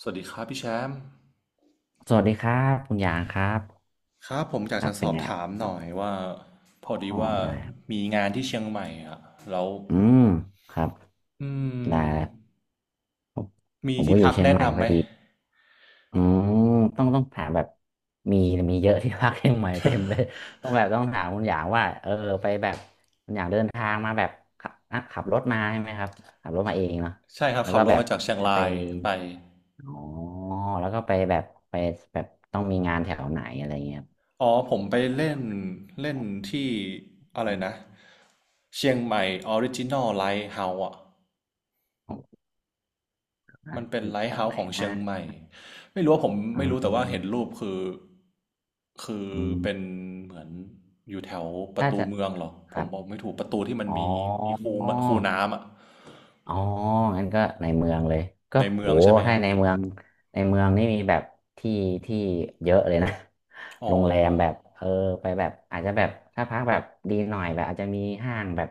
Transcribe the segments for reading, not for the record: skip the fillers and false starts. สวัสดีครับพี่แชมป์สวัสดีครับคุณหยางครับครับผมอยาคกรับจะสเป็นอบไงถามคหรัน่อบยว่าพอ๋อดีอว่าได้ครับมีงานที่เชียงใหม่อ่ะแล้วอืมครับอืได้มแล้วมีผมก็ที่อยู่พักเชียงแนะใหม่นำพไหอมดีอืมต้องถามแบบมีมีเยอะที่พักเชียงใหม่เต็มเลยต้องแบบต้องถามคุณหยางว่าไปแบบคุณหยางเดินทางมาแบบขับขับรถมาใช่ไหมครับขับรถมาเองเนาะใช่ครับแล้วขัก็บรแบถบมาจากเชียงจะไปรายไปอ๋อแล้วก็ไปแบบไปแบบต้องมีงานแถวไหนอะไรเงี้ยครับอ๋อผมไปเล่นเล่ขนอที่อะไรงนะเชียงใหม่ออริจินอลไลท์เฮาส์อะ ผมนะมันเป็อนยู่ไลแถท์วเฮาไหนส์ของเชีนะยงใหม่ไม่รู้ว่าผมอไม่รู้แต่ว่าเห็นืรูปคือเป็นม เหมือนอยู่แถวประถ้าตูจะเมืองเหรอคผรัมบบอกไม่ถูกประตูที่มันมีมีคูอ๋อ คูน้ำอะอ๋องั้นก็ในเมืองเลยก็ในโหเมืองใช่ไหมคถ้ารับในเมืองในเมืองนี่มีแบบที่ที่เยอะเลยนะ โรอ๋องแรมแบบไปแบบอาจจะแบบถ้าพักแบบดีหน่อยแบบอาจจะมีห้างแบบ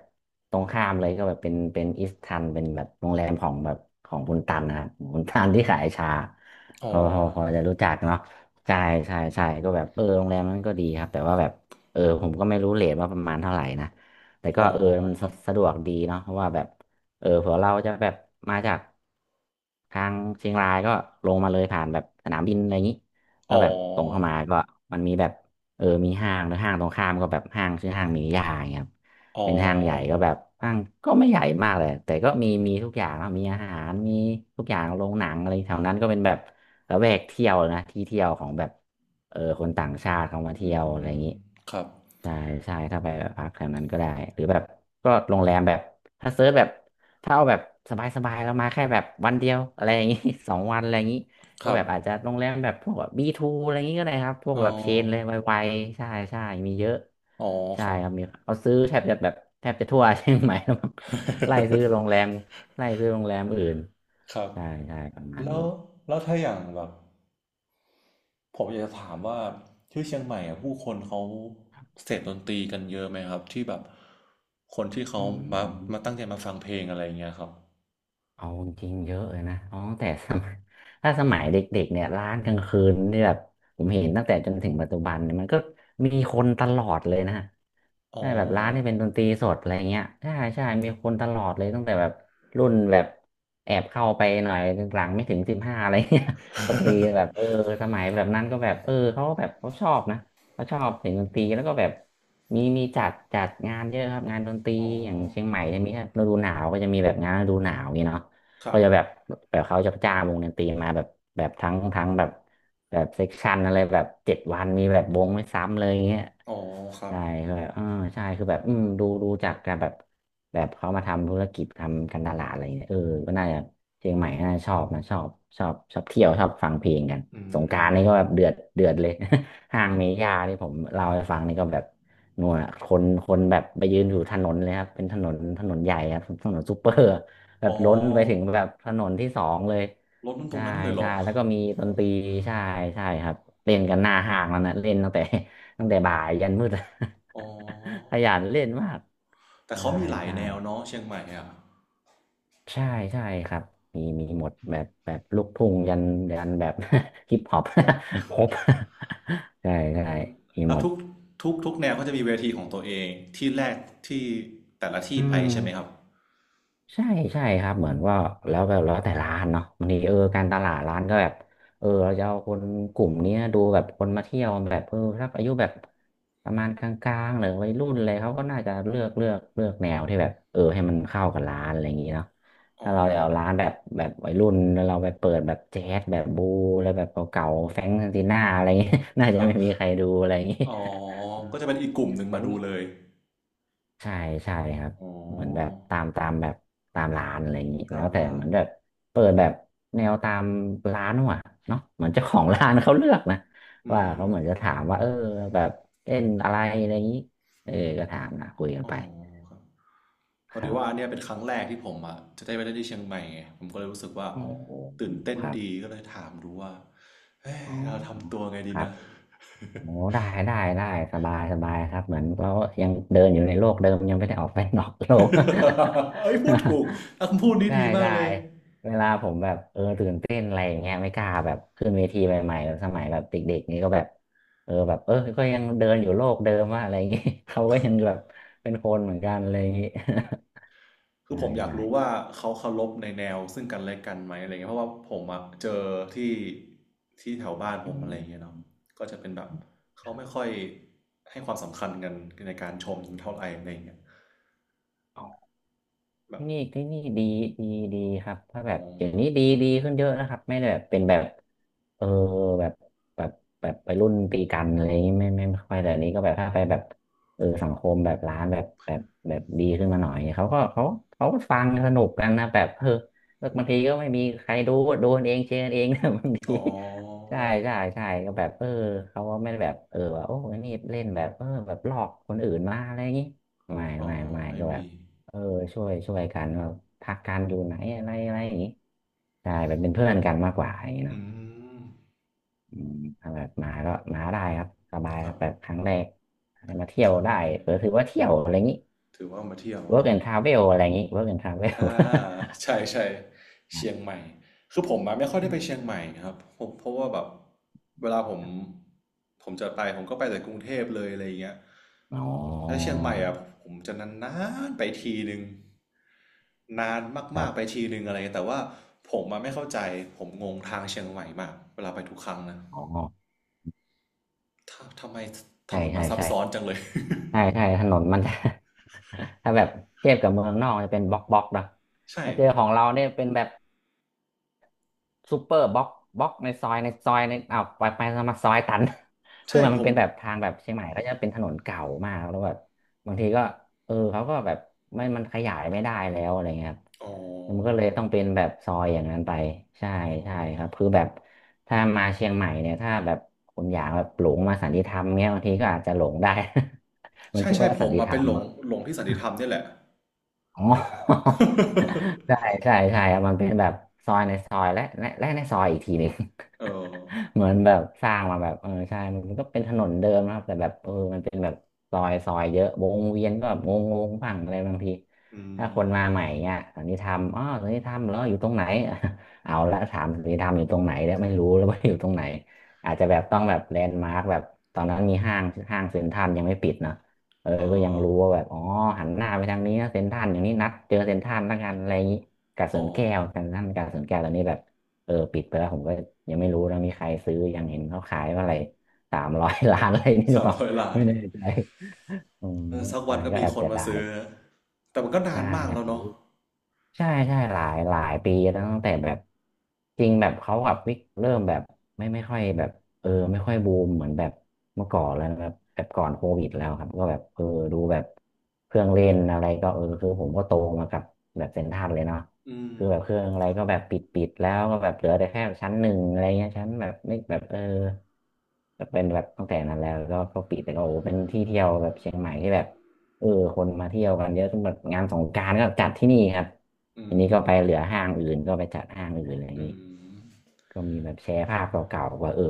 ตรงข้ามเลยก็แบบเป็นอิสตันเป็นแบบโรงแรมของแบบของคุณตันนะครับคุณตันที่ขายชาอ๋อเขาจะรู้จักเนาะใช่ใช่ใช่ก็แบบโรงแรมนั้นก็ดีครับแต่ว่าแบบผมก็ไม่รู้เรทว่าประมาณเท่าไหร่นะแต่ก็อ๋อมันครับสะดวกดีเนาะเพราะว่าแบบ เผื่อเราจะแบบมาจากทางเชียงรายก็ลงมาเลยผ่านแบบสนามบินอะไรอย่างนี้แล้วอ๋แบบตรงเข้ามาอก็มันมีแบบมีห้างหรือห้างตรงข้ามก็แบบห้างชื่อห้างมีนิยาอย่างเงี้ยครับอ๋อเป็นห้างใหญ่ก็แบบห้างก็ไม่ใหญ่มากเลยแต่ก็มีทุกอย่างนะมีอาหารมีทุกอย่างโรงหนังอะไรแถวนั้นก็เป็นแบบระแวกเที่ยวนะที่เที่ยวของแบบคนต่างชาติเขามาอืเที่มยวอะไรอย่างนี้ครับใช่ใช่ถ้าไปแบบพักแถวนั้นก็ได้หรือแบบก็โรงแรมแบบถ้าเซิร์ชแบบ ถ้าเอาแบบสบายๆเรามาแค่แบบวันเดียวอะไรอย่างงี้ 2 วันอะไรอย่างงี้ก็ครัแบบบอาจจะโรงแรมแบบพวกแบบบีทูอะไรอย่างงี้ก็ได้ครับพวกอ๋อแบบเชนเลยไวๆใช่ใช่มีเยอะอ๋อใช่ครับ ครับมีเอาซื้อแทบจะแบบแทบจะทั่ว เชียงใหม่ แล้วมั้ง ไล่ซื้อโรงแรม ไล่ซื้อโรงแรมอื่นครับใช่ใช่ประมาณแล้นี้วแล้วถ้าอย่างแบบ ผมอยากจะถามว่าที่เชียงใหม่อ่ะผู้คนเขาเสพดนตรีกันเยอะไหมครับที่แบบคนที่เขาอืมาม ตั้งใจมาฟังเพลงอะไรอย่างเงี้ยครับเอาจริงๆเยอะเลยนะอ๋อแต่สมัย ถ้าสมัยเด็กๆเนี่ยร้านกลางคืนเนี่ยแบบผมเห็นตั้งแต่จนถึงปัจจุบันเนี่ยมันก็มีคนตลอดเลยนะอ๋อใช่แบบร้านที่เป็นดนตรีสดอะไรเงี้ยใช่ใช่มีคนตลอดเลยตั้งแต่แบบรุ่นแบบแอบเข้าไปหน่อยหลังไม่ถึง15อะไรเงี้ย ก็มีแบบสมัยแบบนั้นก็แบบเขาก็แบบเขาชอบนะเขาชอบเสียงดนตรีแล้วก็แบบมีจัดงานเยอะครับงานดนตรีอ๋ออย่างเชียงใหม่จะมีถ้าฤดูหนาวก็จะมีแบบงานฤดูหนาวอย่างงี้เนาะ คก็รับจะแบบแบบเขาจะจ้างวงดนตรีมาแบบแบบทั้งแบบแบบเซกชันอะไรแบบ7 วันมีแบบวงไม่ซ้ำเลยอย่างเงี้ยอ๋อครับใช่ก็แบบใช่คือแบบดูจากการแบบแบบเขามาทำธุรกิจทำการตลาดอะไรเงี้ยก็น่าจะเชียงใหม่น่าจะชอบนะชอบชอบชอบเที่ยวชอบฟังเพลงกันอืสงกรานต์มนี่ก็แบบเดือดเดือดเลย ห้างเมย่าที่ผมเล่าให้ฟังนี่ก็แบบนัวคนแบบไปยืนอยู่ถนนเลยครับเป็นถนนใหญ่ครับถนนซูเปอร์ แบอ๋บล้นไปถึงอแบบถนนที่สองเลยรถมันตรใช่งนั้นเลยเหรใช่อแล้วก็มีดนตรีใช่ใช่ครับเล่นกันหน้าห้างแล้วนะเล่นตั้งแต่ ตั้งแต่บ่ายยันมืด อ๋อ ขยันเล่นมากแต่ใช่เขามีหลายใช่แนวเนาะเชียงใหม่อ่ะใช่ใช่ครับมีหมดแบบแบบลูกทุ่งยันแบบ ฮิปฮอป ครบ ใช่ใช่มีแล้หมวดทุกแนวเขาจะมีเวทีของตัวเองที่แรกที่แต่ละอืที่ไปม ใช่ไหมครับใช่ใช่ครับเหมือนว่าแล้วแบบแล้วแต่ร้านเนาะบางทีการตลาดร้านก็แบบเราจะเอาคนกลุ่มเนี้ยดูแบบคนมาเที่ยวแบบถ้าอายุแบบประมาณกลางๆหรือวัยรุ่นอะไรเขาก็น่าจะเลือกแนวที่แบบให้มันเข้ากับร้านอะไรอย่างงี้เนาะอ๋อถ้าเราจะเอาร้านแบบแบบวัยรุ่นแล้วเราไปเปิดแบบแจ๊สแบบบูแล้วแบบเก่าๆแฟรงก์ซินติน่าอะไรอย่างงี้ น่าจะครับไม่มีใครดูอะไรอย่างงี้ อ๋อก็จะเป็นอีกกลุ่มหนึ่ งแต่มาดูมี เลย ใช่ใช่ครับอ๋เหมือนแบบอตามตามแบบตามร้านอะไรอย่างนี้แล้ตาวมแต่ร้าเหมืนอนแบบเปิดแบบแนวตามร้านว่ะเนาะเหมือนเจ้าของร้านเขาเลือกนะอืว่าเขามเหมือนจะถามว่าแบบเล่นอะไรอะไรอย่างนี้เออก็ถามนะคุยกันอ๋ไปอครับพคอดีรัว่าอับนเนี้ยเป็นครั้งแรกที่ผมอ่ะจะได้ไปเล่นที่เชียงใหม่ไงผมก็เลยรู้สึกว่าโอ้ตื่นเต้คนรับดีก็เลยถามดูว่าเฮ้ยอ๋อเราทำตัวไงคดีรับนะ โอ้ได้ได้ได้สบายสบายครับเหมือนเรายังเดินอยู่ในโลกเดิมยังไม่ได้ออกไปนอกโลก เอ้ยพูดถูกคำพูด นี้ใช่ดีมากใช่เลย เวลาผมแบบตื่นเต้นอะไรอย่างเงี้ยไม่กล้าแบบขึ้นเวทีใหม่ๆแบบสมัยแบบเด็กๆนี่ก็แบบแบบก็ยังเดินอยู่โลกเดิมว่าอะไรอย่างงี้ เขาก็ยังแบบเป็นคนเหมือนกันอะไรอย่างงี้ คือใช่ผมอยากใช่รู้ว่าเขาเคารพในแนวซึ่งกันและกันไหมอะไรเงี้ยเพราะว่าผมอะเจอที่ที่แถวบ้านอืผมอะม ไรเงี้ยเนาะก็จะเป็นแบบเขาไม่ค่อยให้ความสำคัญกันในการชมเท่าไหร่อะไรเงี้ยทแบท่บนี่ที่นี่ดีดีดีครับถ้าแบอ๋อบเดี๋ยวนี้ดีดีขึ้นเยอะนะครับไม่ได้แบบเป็นแบบเออแบบแบบแบบไปรุ่นตีกันอะไรอย่างงี้ไม่ค่อยแต่อันนี้ก็แบบถ้าไปแบบสังคมแบบร้านแบบแบบแบบดีขึ้นมาหน่อยเขาก็เขาก็ฟังสนุกกันนะแบบแล้วบางทีก็ไม่มีใครดูดูกันเองเชียร์กันเอง นะบางทีอ๋อใช่ใช่ใช่ก็แบบเขาก็ไม่ได้แบบว่าโอ้ยนี่เล่นแบบแบบหลอกคนอื่นมาอะไรอย่างงี้อ๋อไม่ไม่ก็แบบ มีเออช่วยช่วยกันว่าพักการอยู่ไหนอะไรอะไรอย่างงี้ใช่แบบเป็นเพื่อนกันมากกว่าอย่างงี้เนาะอืมอืมถ้าแบบมาก็มาได้ครับสบายคครัรับบแบบครั้งแรกมาเที่ยควรั้งได้แรกถือว่าเที่ยวอะไรอย่างงี้ ถือว่ามาเที่ยวเน work อะ and travel อะไรอย่างงี้ work and travel อ่าใช่ใช่เชียงใหม่คือผมมาไม่ค่อย อได้ไปมเชียงใหม่ครับผมเพราะว่าแบบเวลาผมจะไปผมก็ไปแต่กรุงเทพเลยอะไรอย่างเงี้ยอ๋แล้วเชีอยงใหม่อะผมจะนานๆไปทีนึงนานครัมากๆไปบทีนึงอะไรเงี้ยแต่ว่าผมมาไม่เข้าใจผมงงทางเชียงใหม่มากเวลาไปทุกครั้งนะอ๋อถ้าทำไมถใช่นนใช่มันซับใช่ซ้อนจังเลย ใช่ใช่ถนนมันจะ ถ้าแบบเทียบกับเมืองนอกจะเป็นบล็อกบล็อกเนอะ ใช่ถ้าเจอของเราเนี่ยเป็นแบบ ซูเปอร์บล็อกบล็อกในซอยในซอยในอ้าวไปไปมาซอยตัน คือใช่ผมันมเป็นแบบทางแบบเชียงใหม่ก็จะเป็นถนนเก่ามากแล้วแบบบางทีก็เขาก็แบบไม่มันขยายไม่ได้แล้วอะไรเงี้ยครับอ๋อมันก็เลยต้องเป็นแบบซอยอย่างนั้นไปใช่อ๋อ ใช่ครับคือแบบถ้ามาเชียงใหม่เนี่ยถ้าแบบคุณอยากแบบหลงมาสันติธรรมเงี้ยบางทีก็อาจจะหลงได้ มันใช่ชื่อใช่ว่าผสันมติมาธรเป็นรหม ลงที่สันติธรรมเนี่ยแหละ อ๋อ ใช่ ใช่ใช่ครับมันเป็นแบบซอยในซอยและและในซอยอีกทีหนึ่ง เออ เหมือนแบบสร้างมาแบบใช่มันก็เป็นถนนเดิมนะครับแต่แบบมันเป็นแบบซอยซอยเยอะวงเวียนก็แบบงงงบ้างอะไรบางทีอืถ้าคนมมาใหม่เงี้ยสันนิธรรมอ๋อสันนิธรรมแล้วอยู่ตรงไหน เอาละถามสันนิธรรมอยู่ตรงไหนแล้วไม่รู้แล้วว่าอยู่ตรงไหนอาจจะแบบต้องแบบแลนด์มาร์กแบบตอนนั้นมีห้างเซ็นทรัลยังไม่ปิดเนอะ เอก็ยังอรู้ว่าแบบอ๋อ หันหน้าไปทางนี้นะเซ็นทรัลอย่างนี้นัดเจอเซ็นทรัลละกันอะไรอย่างนี้กาดสวอ๋อนแก้วเซ็นทรัลกาดสวนแก้วตอนนี้แบบ ปิดไปแล้วผมก็ยังไม่รู้นะมีใครซื้อยังเห็นเขาขายว่าอะไรสามร้อย ล้านอะไรนี่หรือสาเปมล่า ร้อยล้านไม่แน่ใจอืมเออสักใช่วันก็ก็มีแอบคนเสียมาดายซื้อฮะแต่มันก็นาใช่นมากอยากแล้วรู้ เนาะใช่ใช่หลายหลายปีแล้วตั้งแต่แบบจริงแบบเขากับวิกเริ่มแบบไม่ไม่ค่อยแบบไม่ค่อยบูมเหมือนแบบเมื่อก่อนแล้วนะครับแบบก่อนโควิดแล้วครับก็แบบดูแบบเครื่องเล่นอะไรก็คือผมก็โตมากับแบบเซ็นทรัลเลยเนาะอืมคือแบบเครื่องอะไรครับก็แบบปิดแล้วก็แบบเหลือแต่แค่ชั้นหนึ่งอะไรเงี้ยชั้นแบบไม่แบบก็เป็นแบบตั้งแต่นั้นแล้วก็ปิดแต่ก็โอ้โหเป็นที่เที่ยวแบบเชียงใหม่ที่แบบเออคนมาเที่ยวกันเยอะจนแบบงานสงกรานต์ก็จัดที่นี่ครับ อืทีนี้มก็ไปเหลือห้างอื่นก็ไปจัดห้างอื่นอะไรอย่างอืนี้มก็มีแบบแชร์ภาพเก่าๆว่า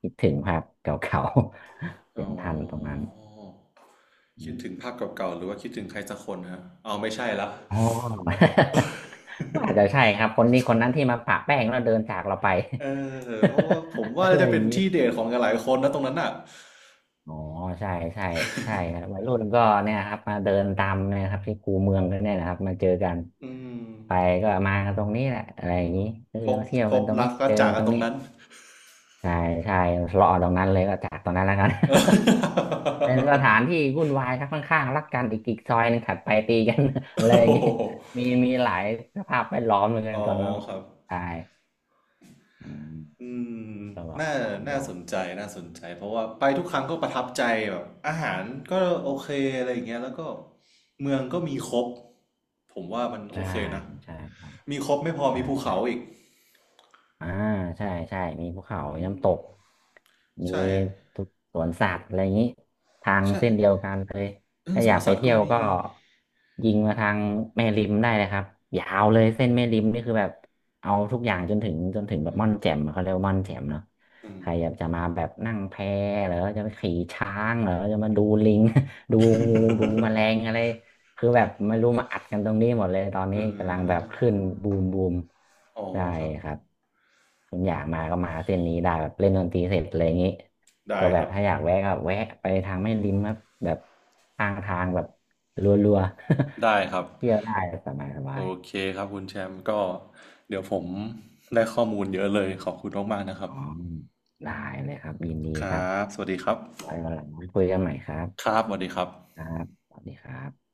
คิดถึงภาพเก่าๆ เห็อ๋นทันตรงนั้อนอคิดมถึงภาพเก่าๆหรือว่าคิดถึงใครสักคนฮะเอาไม่ใช่ละ อ๋อ ก็อาจจะใช่ครับคนนี้คนนั้นที่มาปะแป้งแล้วเดินจากเราไป เออเพราะว่าผม อะว่าไรจะอเป็ย่างนนี้ที่เดทของหลายๆคนนะตรงนั้นอ่ะอ๋อใช่ใช่ใช่ครับวัยรุ่นก็เนี่ยครับมาเดินตามเนะครับที่คูเมืองกันเนี่ยนะครับมาเจอกันอืมไปก็มากันตรงนี้แหละอะไรอย่างนี้พบมาเที่ยวพกันบตรงรันี้กก็เจอจากักนตกัรนงตรนี้ งนั้น ใช่ใช่รอตรงนั้นเลยก็จากตรงนั้นแล้วกัน เออ เป็นสถานที่วุ่นวายครับข้างๆรักกันอีกซอยหนึงถัดไปตีกัน อะ ไรโอ้อย่างงี้โมีมีหลายสภาพแวดล้อมเหมือนกัหนอ๋อตอนนั้นครับใช่อืมอืมก็ลองน่าลองลองน่าสนใจ เพราะว่าไปทุกครั้งก็ประทับใจแบบอาหารก็โอเค อะไรอย่างเงี้ยแล้วก็เมืองก็มีครบ ผมว่ามันโอใช่เคนะ ใช่มีครบไม่พอใช่มีภูใช่ เขาอีกอ่าใช่ใช่มีภูเขามีอืน้ำตกมมีใช่ทุกสวนสัตว์อะไรอย่างนี้ทางใช่เส้นเดียวกันเลยเออถ้าสอยาวนกไปสัตว์เที่ก็ยวมีก็ยิงมาทางแม่ริมได้เลยครับยาวเลยเส้นแม่ริมนี่คือแบบเอาทุกอย่างจนถึงจนถึงแบบม่อนแจ่มอะเขาเรียกว่าม่อนแจ่มเนาะอืใคมรอยากจะมาแบบนั่งแพเหรือจะไปขี่ช้างเหรือจะมาดูลิง ดูงูดูแมลงอะไร คือแบบไม่รู้มาอัดกันตรงนี้หมดเลยตอนนี้เอกำลังแบบอขึ้นบูมบูมอ๋อใช่ครับ ครับคุณอยากมาก็มาเส้นนี้ได้แบบเล่นดนตรีเสร็จอะไรอย่างนี้ได้ก็แบคบรับถ้าอยากแวะก็แวะไปทางแม่ริมครับแบบทางทางแบบรัวๆ ได้ครับ เที่ยวได้สบายสบาโอยเคครับคุณแชมป์ก็เดี๋ยวผมได้ข้อมูลเยอะเลยขอบคุณมากๆนะครัอ๋บอได้เลยครับยินดีคครัรับบสวัสดีครับไว้วันหลังคุยกันใหม่ครัคบรับสวัสดีครับครับสวัสดีครับ